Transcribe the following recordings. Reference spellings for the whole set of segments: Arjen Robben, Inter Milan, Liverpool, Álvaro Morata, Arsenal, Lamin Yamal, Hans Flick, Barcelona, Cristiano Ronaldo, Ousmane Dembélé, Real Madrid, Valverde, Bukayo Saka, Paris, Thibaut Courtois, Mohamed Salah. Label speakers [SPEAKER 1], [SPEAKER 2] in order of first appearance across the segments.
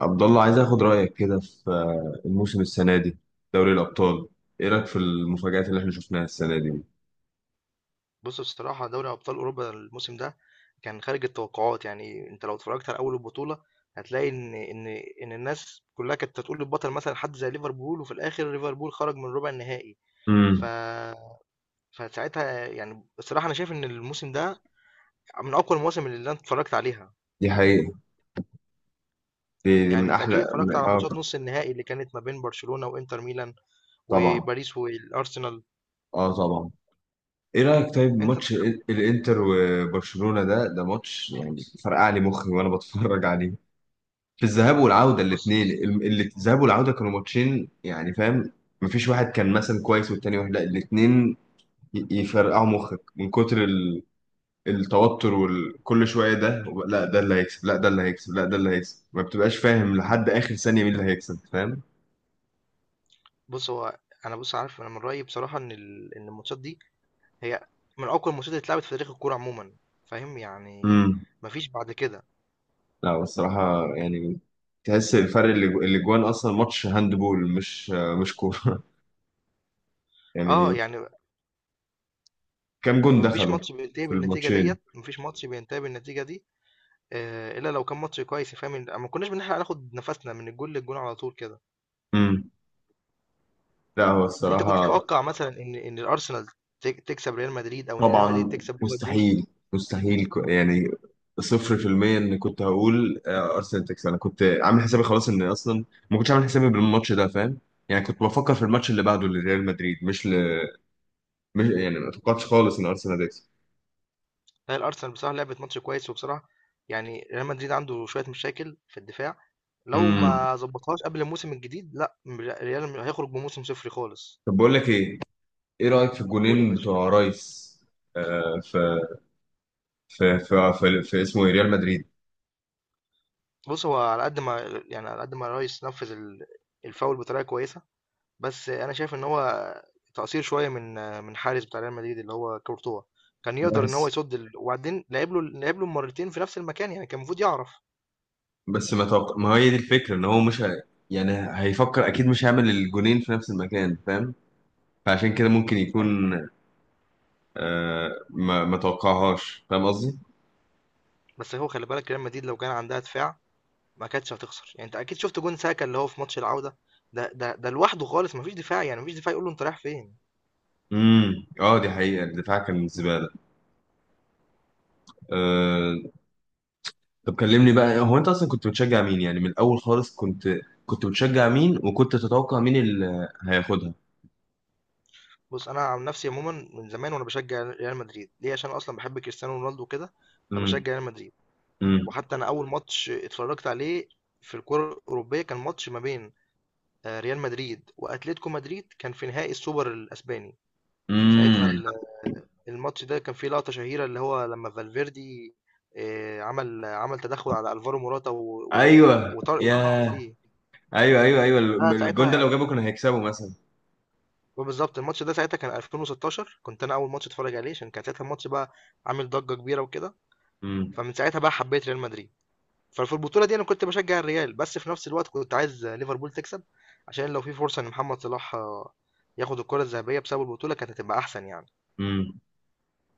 [SPEAKER 1] عبد الله عايز اخد رايك كده في الموسم السنه دي، دوري الابطال. ايه رايك في المفاجآت اللي احنا شفناها السنه دي؟
[SPEAKER 2] بُص بصراحة دوري أبطال أوروبا الموسم ده كان خارج التوقعات، يعني أنت لو اتفرجت على أول البطولة هتلاقي إن الناس كلّها كانت هتقول البطل مثلًا حد زي ليفربول، وفي الآخر ليفربول خرج من ربع النهائي. ف
[SPEAKER 1] امم.
[SPEAKER 2] فساعتها يعني بصراحة أنا شايف إن الموسم ده من أقوى المواسم اللي أنا اتفرجت عليها،
[SPEAKER 1] دي حقيقه. دي
[SPEAKER 2] يعني
[SPEAKER 1] من
[SPEAKER 2] أنت أكيد
[SPEAKER 1] احلى
[SPEAKER 2] اتفرجت
[SPEAKER 1] من...
[SPEAKER 2] على
[SPEAKER 1] اه
[SPEAKER 2] ماتشات نُص النهائي اللي كانت ما بين برشلونة وإنتر ميلان،
[SPEAKER 1] طبعا.
[SPEAKER 2] وباريس والأرسنال.
[SPEAKER 1] اه، طبعا. ايه رايك طيب،
[SPEAKER 2] أنت
[SPEAKER 1] ماتش الانتر وبرشلونه، ده ماتش يعني فرقع لي مخي وانا بتفرج عليه في الذهاب والعوده
[SPEAKER 2] بُص
[SPEAKER 1] الاثنين. الذهاب والعوده كانوا ماتشين يعني، فاهم؟ مفيش واحد كان مثلا كويس والتاني واحد لا، الاثنين يفرقعوا مخك من كتر التوتر، وكل شويه لا ده اللي هيكسب، لا ده اللي هيكسب، لا ده اللي هيكسب. ما بتبقاش فاهم لحد اخر ثانيه مين اللي هيكسب، فاهم؟
[SPEAKER 2] بُص هو أنا بُص عارف أنا من رأيي بصراحة إن إن الماتشات دي هي من أقوى الماتشات اللي اتلعبت في تاريخ الكورة عمومًا، فاهم؟ يعني
[SPEAKER 1] امم.
[SPEAKER 2] ما فيش بعد كده.
[SPEAKER 1] لا، الصراحه يعني تحس الفرق اللي جوان اصلا ماتش هاندبول مش كوره يعني
[SPEAKER 2] يعني
[SPEAKER 1] كام جون
[SPEAKER 2] ما فيش
[SPEAKER 1] دخلوا
[SPEAKER 2] ماتش بينتهي
[SPEAKER 1] في
[SPEAKER 2] بالنتيجة
[SPEAKER 1] الماتشين؟
[SPEAKER 2] ديّة، ما فيش ماتش بينتهي بالنتيجة دي إلا لو كان ماتش كويس، فاهم؟ ما كناش بنلحق ناخد نفسنا من الجون للجون على طول كده.
[SPEAKER 1] امم. لا هو
[SPEAKER 2] أنت كنت
[SPEAKER 1] الصراحه،
[SPEAKER 2] تتوقع مثلًا إن الأرسنال تكسب ريال مدريد أو إن ريال مدريد
[SPEAKER 1] طبعا.
[SPEAKER 2] تكسب ليفربول؟
[SPEAKER 1] مستحيل، مستحيل يعني صفر في المية. ان كنت هقول ارسنال تكسب، انا كنت عامل حسابي خلاص ان اصلا ما كنتش عامل حسابي بالماتش ده، فاهم؟ يعني كنت بفكر في الماتش اللي بعده لريال مدريد، مش. مش يعني، ما توقعتش خالص ان ارسنال هتكسب.
[SPEAKER 2] لا الأرسنال بصراحة لعبت ماتش كويس، وبصراحة يعني ريال مدريد عنده شوية مشاكل في الدفاع، لو
[SPEAKER 1] امم.
[SPEAKER 2] ما ضبطهاش قبل الموسم الجديد لأ، ريال هيخرج بموسم صفري خالص.
[SPEAKER 1] طب بقول لك ايه، ايه رايك في
[SPEAKER 2] قُل يا
[SPEAKER 1] الجولين
[SPEAKER 2] باشا.
[SPEAKER 1] بتوع رايس؟ آه في في اسمه إيه؟ ريال مدريد.
[SPEAKER 2] بص هو على قد ما يعني على قد ما الريس نفذ الفاول بطريقه كويسه، بس انا شايف ان هو تقصير شويه من حارس بتاع ريال مدريد اللي هو كورتوا، كان يقدر ان هو
[SPEAKER 1] بس
[SPEAKER 2] يصد ال... وبعدين لعب له مرتين في نفس المكان، يعني كان المفروض يعرف.
[SPEAKER 1] بس ما توقع، ما هي دي الفكره ان هو مش. يعني هيفكر اكيد مش هيعمل الجولين في نفس المكان، فاهم؟ فعشان كده ممكن
[SPEAKER 2] ايوه،
[SPEAKER 1] يكون ما توقعهاش، فاهم قصدي؟
[SPEAKER 2] بس هو خلي بالك ريال مدريد لو كان عندها دفاع ما كانتش هتخسر، يعني انت اكيد شفت جون ساكا اللي هو في ماتش العوده، ده لوحده خالص، ما فيش دفاع، يعني ما فيش دفاع يقول له انت رايح فين.
[SPEAKER 1] امم، اه، دي حقيقة، الدفاع كان زبالة. آه طب كلمني بقى، هو انت اصلا كنت بتشجع مين يعني من الاول خالص؟ كنت بتشجع مين، وكنت تتوقع مين اللي هياخدها؟
[SPEAKER 2] بص انا عن نفسي عموما من زمان وانا بشجع ريال مدريد، ليه؟ عشان أنا اصلا بحب كريستيانو رونالدو كده،
[SPEAKER 1] امم،
[SPEAKER 2] فبشجع ريال مدريد.
[SPEAKER 1] امم،
[SPEAKER 2] وحتى انا اول ماتش اتفرجت عليه في الكرة الأوروبية كان ماتش ما بين ريال مدريد وأتلتيكو مدريد، كان في نهائي السوبر الأسباني. ساعتها
[SPEAKER 1] امم.
[SPEAKER 2] الماتش ده كان فيه لقطة شهيرة، اللي هو لما فالفيردي عمل تدخل على ألفارو موراتا
[SPEAKER 1] ايوه يا
[SPEAKER 2] وطرد فيه.
[SPEAKER 1] ايوه، ايوه، ايوه،
[SPEAKER 2] لا
[SPEAKER 1] الجون ده
[SPEAKER 2] ساعتها
[SPEAKER 1] لو جابه كانوا هيكسبوا مثلا.
[SPEAKER 2] بالظبط الماتش ده ساعتها كان 2016، كنت انا اول ماتش اتفرج عليه، عشان كان ساعتها الماتش بقى عامل ضجة كبيرة وكده،
[SPEAKER 1] امم،
[SPEAKER 2] فمن ساعتها بقى حبيت ريال مدريد. ففي البطولة دي أنا كنت باشجع الريال، بس في نفس الوقت كنت عايز ليفربول تكسب، عشان لو في فرصة إن محمد صلاح ياخد الكرة الذهبية بسبب البطولة كانت هتبقى أحسن يعني.
[SPEAKER 1] امم.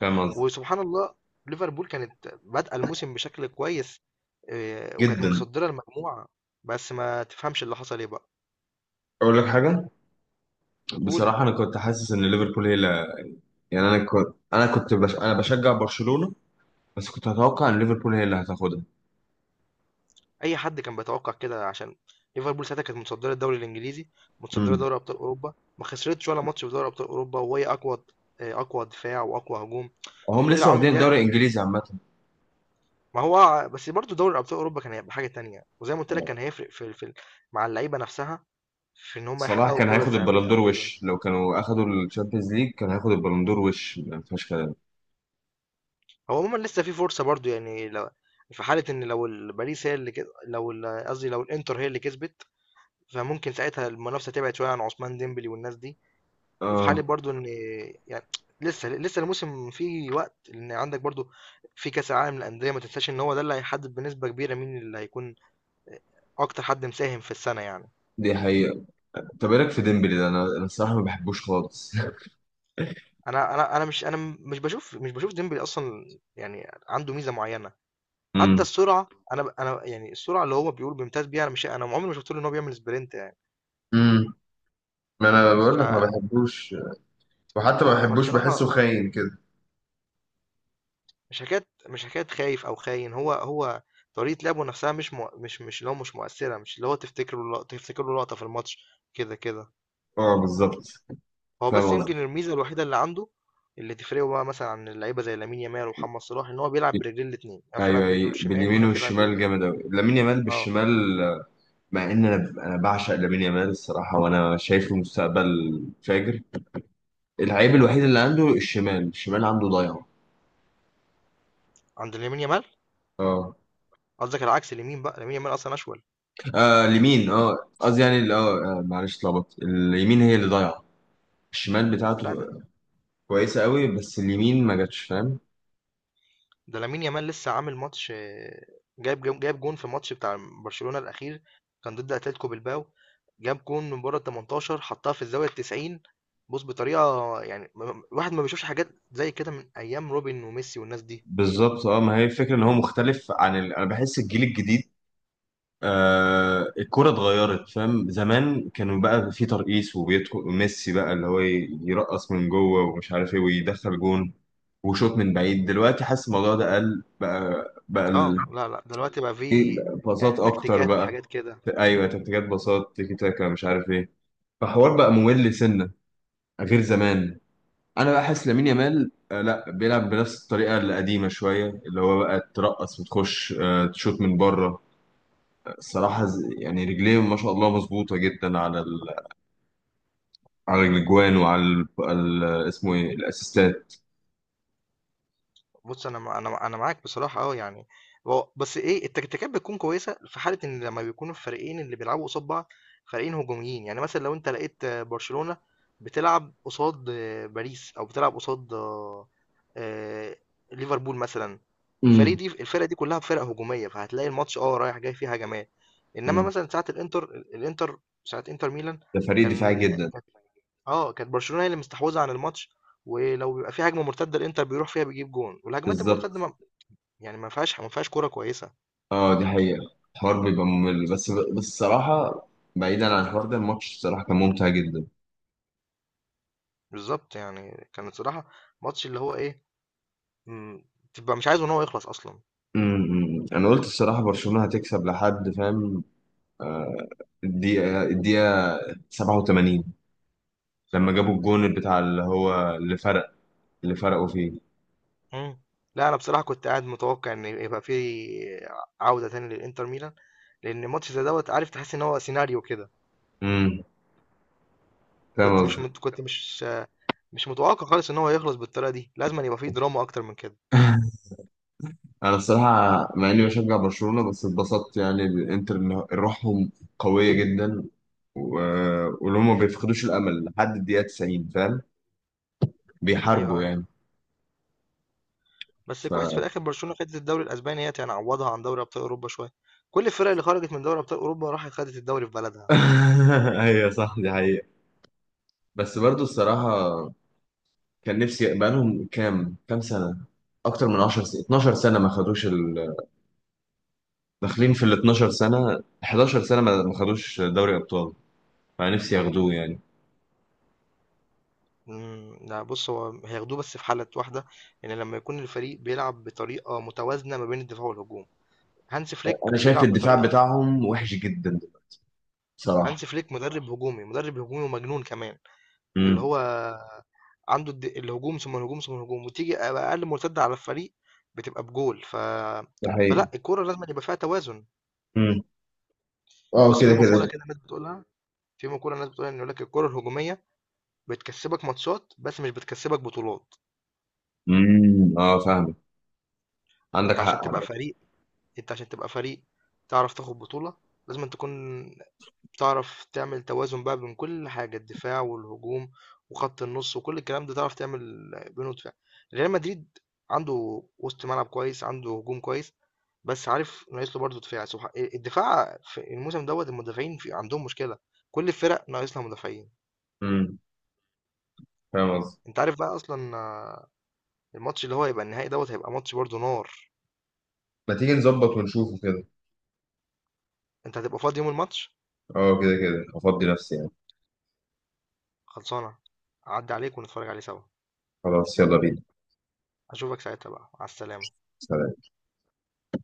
[SPEAKER 1] فاهم قصدي؟
[SPEAKER 2] وسبحان الله، ليفربول كانت بادئة الموسم بشكل كويس، وكانت
[SPEAKER 1] جدا.
[SPEAKER 2] متصدرة المجموعة، بس ما تفهمش اللي حصل إيه بقى.
[SPEAKER 1] اقول لك حاجة،
[SPEAKER 2] قول.
[SPEAKER 1] بصراحة انا كنت حاسس ان ليفربول هي اللي... يعني انا بشجع برشلونة، بس كنت اتوقع ان ليفربول هي اللي هتاخدها.
[SPEAKER 2] أي حد كان بيتوقع كده، عشان ليفربول ساعتها كانت متصدرة الدوري الإنجليزي، متصدرة
[SPEAKER 1] امم.
[SPEAKER 2] دوري أبطال أوروبا، ما خسرتش ولا ماتش في دوري أبطال أوروبا، وهي أقوى أقوى دفاع وأقوى هجوم.
[SPEAKER 1] هم
[SPEAKER 2] فكل
[SPEAKER 1] لسه
[SPEAKER 2] العوامل
[SPEAKER 1] واخدين
[SPEAKER 2] ديت،
[SPEAKER 1] الدوري الانجليزي عامه.
[SPEAKER 2] ما هو بس برضه دوري ابطال اوروبا كان هيبقى حاجه تانية، وزي ما قلت لك كان هيفرق في مع اللعيبه نفسها، في ان هم
[SPEAKER 1] صلاح
[SPEAKER 2] يحققوا
[SPEAKER 1] كان
[SPEAKER 2] الكره
[SPEAKER 1] هياخد
[SPEAKER 2] الذهبيه او
[SPEAKER 1] البلندور
[SPEAKER 2] كده.
[SPEAKER 1] وش، لو كانوا اخدوا الشامبيونز ليج كان هياخد البلندور وش، ما فيهاش كلام.
[SPEAKER 2] هو عموما لسه في فرصه برضه، يعني لو في حاله ان لو باريس هي اللي كده، لو قصدي لو الانتر هي اللي كسبت، فممكن ساعتها المنافسه تبعد شويه عن عثمان ديمبلي والناس دي. وفي حاله
[SPEAKER 1] اه،
[SPEAKER 2] برضه ان يعني لسه لسه الموسم فيه وقت، لان عندك برضه في كاس العالم للانديه، ما تنساش ان هو ده اللي هيحدد بنسبه كبيره مين اللي هيكون اكتر حد مساهم في السنه يعني.
[SPEAKER 1] دي حقيقة. طب ايه رايك في ديمبلي ده؟ انا الصراحة ما بحبوش خالص
[SPEAKER 2] انا انا انا مش انا مش بشوف مش بشوف ديمبلي اصلا، يعني عنده ميزه معينه. حتى
[SPEAKER 1] امم،
[SPEAKER 2] السرعه، انا يعني السرعه اللي هو بيقول بيمتاز بيها، انا مش انا عمري ما شفت له ان هو بيعمل سبرنت يعني.
[SPEAKER 1] امم، ما انا بقول لك ما
[SPEAKER 2] فلا
[SPEAKER 1] بحبوش. وحتى ما
[SPEAKER 2] انا
[SPEAKER 1] بحبوش، بحسه
[SPEAKER 2] بصراحه
[SPEAKER 1] خاين كده.
[SPEAKER 2] مش حكايه خايف او خاين. هو طريقه لعبه نفسها مش مؤثره، مش اللي هو تفتكر له لقطه في الماتش كده كده.
[SPEAKER 1] اه، بالظبط،
[SPEAKER 2] هو
[SPEAKER 1] فاهم
[SPEAKER 2] بس
[SPEAKER 1] قصدي.
[SPEAKER 2] يمكن الميزه الوحيده اللي عنده، اللي تفرقه بقى مثلا عن اللعيبه زي لامين يامال ومحمد صلاح، ان هو بيلعب برجلين الاثنين، يعرف
[SPEAKER 1] ايوه،
[SPEAKER 2] يلعب برجله
[SPEAKER 1] ايوه،
[SPEAKER 2] الشمال
[SPEAKER 1] باليمين
[SPEAKER 2] ويعرف يلعب برجله
[SPEAKER 1] والشمال
[SPEAKER 2] اليمين.
[SPEAKER 1] جامد قوي، لامين يامال
[SPEAKER 2] اه،
[SPEAKER 1] بالشمال. مع ان انا بعشق لامين يامال الصراحه، وانا شايفه مستقبل فاجر. العيب الوحيد اللي عنده، الشمال، الشمال عنده ضايع.
[SPEAKER 2] عند لامين يامال
[SPEAKER 1] اه،
[SPEAKER 2] قصدك العكس، اليمين بقى لامين يامال اصلا اشول.
[SPEAKER 1] آه، اليمين اه قصدي يعني معلش، اتلخبطت، اليمين هي اللي ضايعه، الشمال بتاعته
[SPEAKER 2] لا ده,
[SPEAKER 1] كويسه قوي، بس اليمين ما جاتش، فاهم؟
[SPEAKER 2] ده لامين يامال لسه عامل ماتش، جايب جون في ماتش بتاع برشلونة الاخير، كان ضد اتلتيكو بلباو. جاب جون من بره ال 18، حطها في الزاويه ال 90. بص بطريقه يعني، الواحد ما بيشوفش حاجات زي كده من ايام روبن وميسي والناس دي.
[SPEAKER 1] بالظبط. اه، ما هي الفكره ان هو مختلف. انا بحس الجيل الجديد، الكرة اتغيرت، فاهم؟ زمان كانوا بقى في ترقيص، وبيدخل ميسي بقى اللي هو يرقص من جوه ومش عارف ايه ويدخل جون وشوط من بعيد. دلوقتي حاسس الموضوع ده قل بقى، بقى ال-
[SPEAKER 2] اه لا لا، دلوقتي بقى
[SPEAKER 1] إيه،
[SPEAKER 2] في،
[SPEAKER 1] باصات
[SPEAKER 2] يعني
[SPEAKER 1] اكتر
[SPEAKER 2] تكتيكات
[SPEAKER 1] بقى.
[SPEAKER 2] وحاجات كده.
[SPEAKER 1] ايوه، تكتيكات، باصات، تيكي تاكا، مش عارف ايه. فحوار بقى ممل سنه غير زمان. انا بقى حاسس لامين يامال لا بيلعب بنفس الطريقه القديمه شويه، اللي هو بقى ترقص وتخش، تشوط من بره. الصراحه يعني رجليه ما شاء الله مظبوطه جدا على الاجوان وعلى اسمه ايه، الاسيستات.
[SPEAKER 2] بُص، أنا معاك بصراحة، يعني هو بس التكتيكات بتكون كويسة في حالة إن لمّا بيكونوا الفريقين اللي بيلعبوا قصاد بعض فريقين هجوميين. يعني مثلًا لو أنت لقيت برشلونة بتلعب قصاد باريس، أو بتلعب قصاد آآ ليفربول مثلًا، الفريق
[SPEAKER 1] امم.
[SPEAKER 2] دي الفرق دي كلها فرق هجومية، فهتلاقي الماتش رايح جاي فيه هجمات. إنما مثلًا ساعة الإنتر الإنتر ساعة إنتر ميلان،
[SPEAKER 1] ده فريق دفاعي
[SPEAKER 2] كان
[SPEAKER 1] جدا.
[SPEAKER 2] كانت كانت برشلونة هي اللي مستحوذة عن الماتش، ولو بيبقى في هجمة مرتدة الإنتر بيروح فيها بيجيب جون، والهجمات
[SPEAKER 1] بالظبط.
[SPEAKER 2] المرتدة ما فيهاش كورة كويسة.
[SPEAKER 1] اه، دي حقيقة الحوار بيبقى ممل، بس الصراحة بعيدا عن الحوار ده، الماتش الصراحة كان ممتع جدا.
[SPEAKER 2] بالضبط، يعني كان الصراحة ماتش اللي هو إيه، إمم، تبقى مش عايزه إن هو يخلص أصلًا.
[SPEAKER 1] امم. انا قلت الصراحة برشلونة هتكسب لحد فاهم الدقيقة 87، لما جابوا الجون بتاع اللي هو اللي فرق، اللي فرقوا فيه.
[SPEAKER 2] إمم، لأ أنا بصراحة كنت قاعد متوقع إن يبقى في عودة تاني للإنتر ميلان، لان ماتش زي دوت عارف تحس ان هو سيناريو كده.
[SPEAKER 1] امم،
[SPEAKER 2] كنت
[SPEAKER 1] فاهم
[SPEAKER 2] مش
[SPEAKER 1] قصدي
[SPEAKER 2] مت... كنت مش مش متوقع خالص ان هو يخلص بالطريقه دي، لازم أن يبقى فيه دراما اكتر من كده.
[SPEAKER 1] انا الصراحة مع اني بشجع برشلونة بس اتبسطت، يعني الانتر إن روحهم قوية جدا، و... ولهم ما بيفقدوش الامل لحد الدقيقة 90، فاهم؟
[SPEAKER 2] ايوه،
[SPEAKER 1] بيحاربوا
[SPEAKER 2] ايوه.
[SPEAKER 1] يعني.
[SPEAKER 2] بس
[SPEAKER 1] ف
[SPEAKER 2] كويس في الاخر برشلونه خدت الدوري الاسباني، هي يعني عوضها عن دوري ابطال اوروبا شويه. كل الفرق اللي خرجت من دوري ابطال اوروبا راحت خدت الدوري في بلدها.
[SPEAKER 1] ايوه، صح، دي حقيقة. بس برضو الصراحة كان نفسي بقالهم كام، كام سنة، اكتر من 10 سنة، 12 سنة ما خدوش داخلين في ال 12 سنة، 11 سنة ما خدوش دوري ابطال، فنفسي ياخدوه يعني.
[SPEAKER 2] امم، لا، بص هو هياخدوه بس في حاله واحده، ان لما يكون الفريق بيلعب بطريقه متوازنه ما بين الدفاع والهجوم. هانس فليك
[SPEAKER 1] انا شايف
[SPEAKER 2] بيلعب
[SPEAKER 1] الدفاع
[SPEAKER 2] بطريقه،
[SPEAKER 1] بتاعهم وحش جدا،
[SPEAKER 2] هانس
[SPEAKER 1] بصراحة.
[SPEAKER 2] فليك مدرب هجومي، مدرب هجومي ومجنون كمان، اللي
[SPEAKER 1] امم.
[SPEAKER 2] هو عنده الهجوم، ثم الهجوم، ثم الهجوم، وتيجي أقل مرتدة على الفريق بتبقى بجول.
[SPEAKER 1] ده حقيقة.
[SPEAKER 2] فلأ الكورة لازمًا يبقى فيها توازن.
[SPEAKER 1] امم، اه،
[SPEAKER 2] بُص، في
[SPEAKER 1] كده
[SPEAKER 2] مقولة
[SPEAKER 1] كده.
[SPEAKER 2] كده الناس بتقولها، في مقولة الناس بتقولها إن يقول لك الكورة الهجومية بتكسبك ماتشات، بس مش بتكسبك بطولات.
[SPEAKER 1] امم، اه، فاهم، عندك
[SPEAKER 2] أنت
[SPEAKER 1] حق.
[SPEAKER 2] عشان تبقى فريق أنت عشان تبقى فريق تعرف تاخد بطولة لازمًا تكون تعرف تعمل توازن بقى بين كل حاجة، الدفاع والهجوم وخط النص وكل الكلام ده، تعرف تعمل بينه دفاع. ريال مدريد عنده وسط ملعب كويس، عنده هجوم كويس، بس عارف ناقص له برضه دفاع. سبحان الدفاع في الموسم دوت، المدافعين في عندهم مشكلة، كل الفرق ناقص لها مدافعين.
[SPEAKER 1] امم، فاهم قصدي.
[SPEAKER 2] انت عارف بقى اصلا، الماتش اللي هو هيبقى النهائي دوت هيبقى ماتش برضه نار.
[SPEAKER 1] ما تيجي نظبط ونشوفه كده.
[SPEAKER 2] انت هتبقى فاضي يوم الماتش؟
[SPEAKER 1] اه، كده كده، افضي نفسي يعني.
[SPEAKER 2] خلصانة، عدى عليك ونتفرج عليه سوا.
[SPEAKER 1] خلاص، يلا بينا.
[SPEAKER 2] اشوفك ساعتها بقى، على السلامة.
[SPEAKER 1] سلام.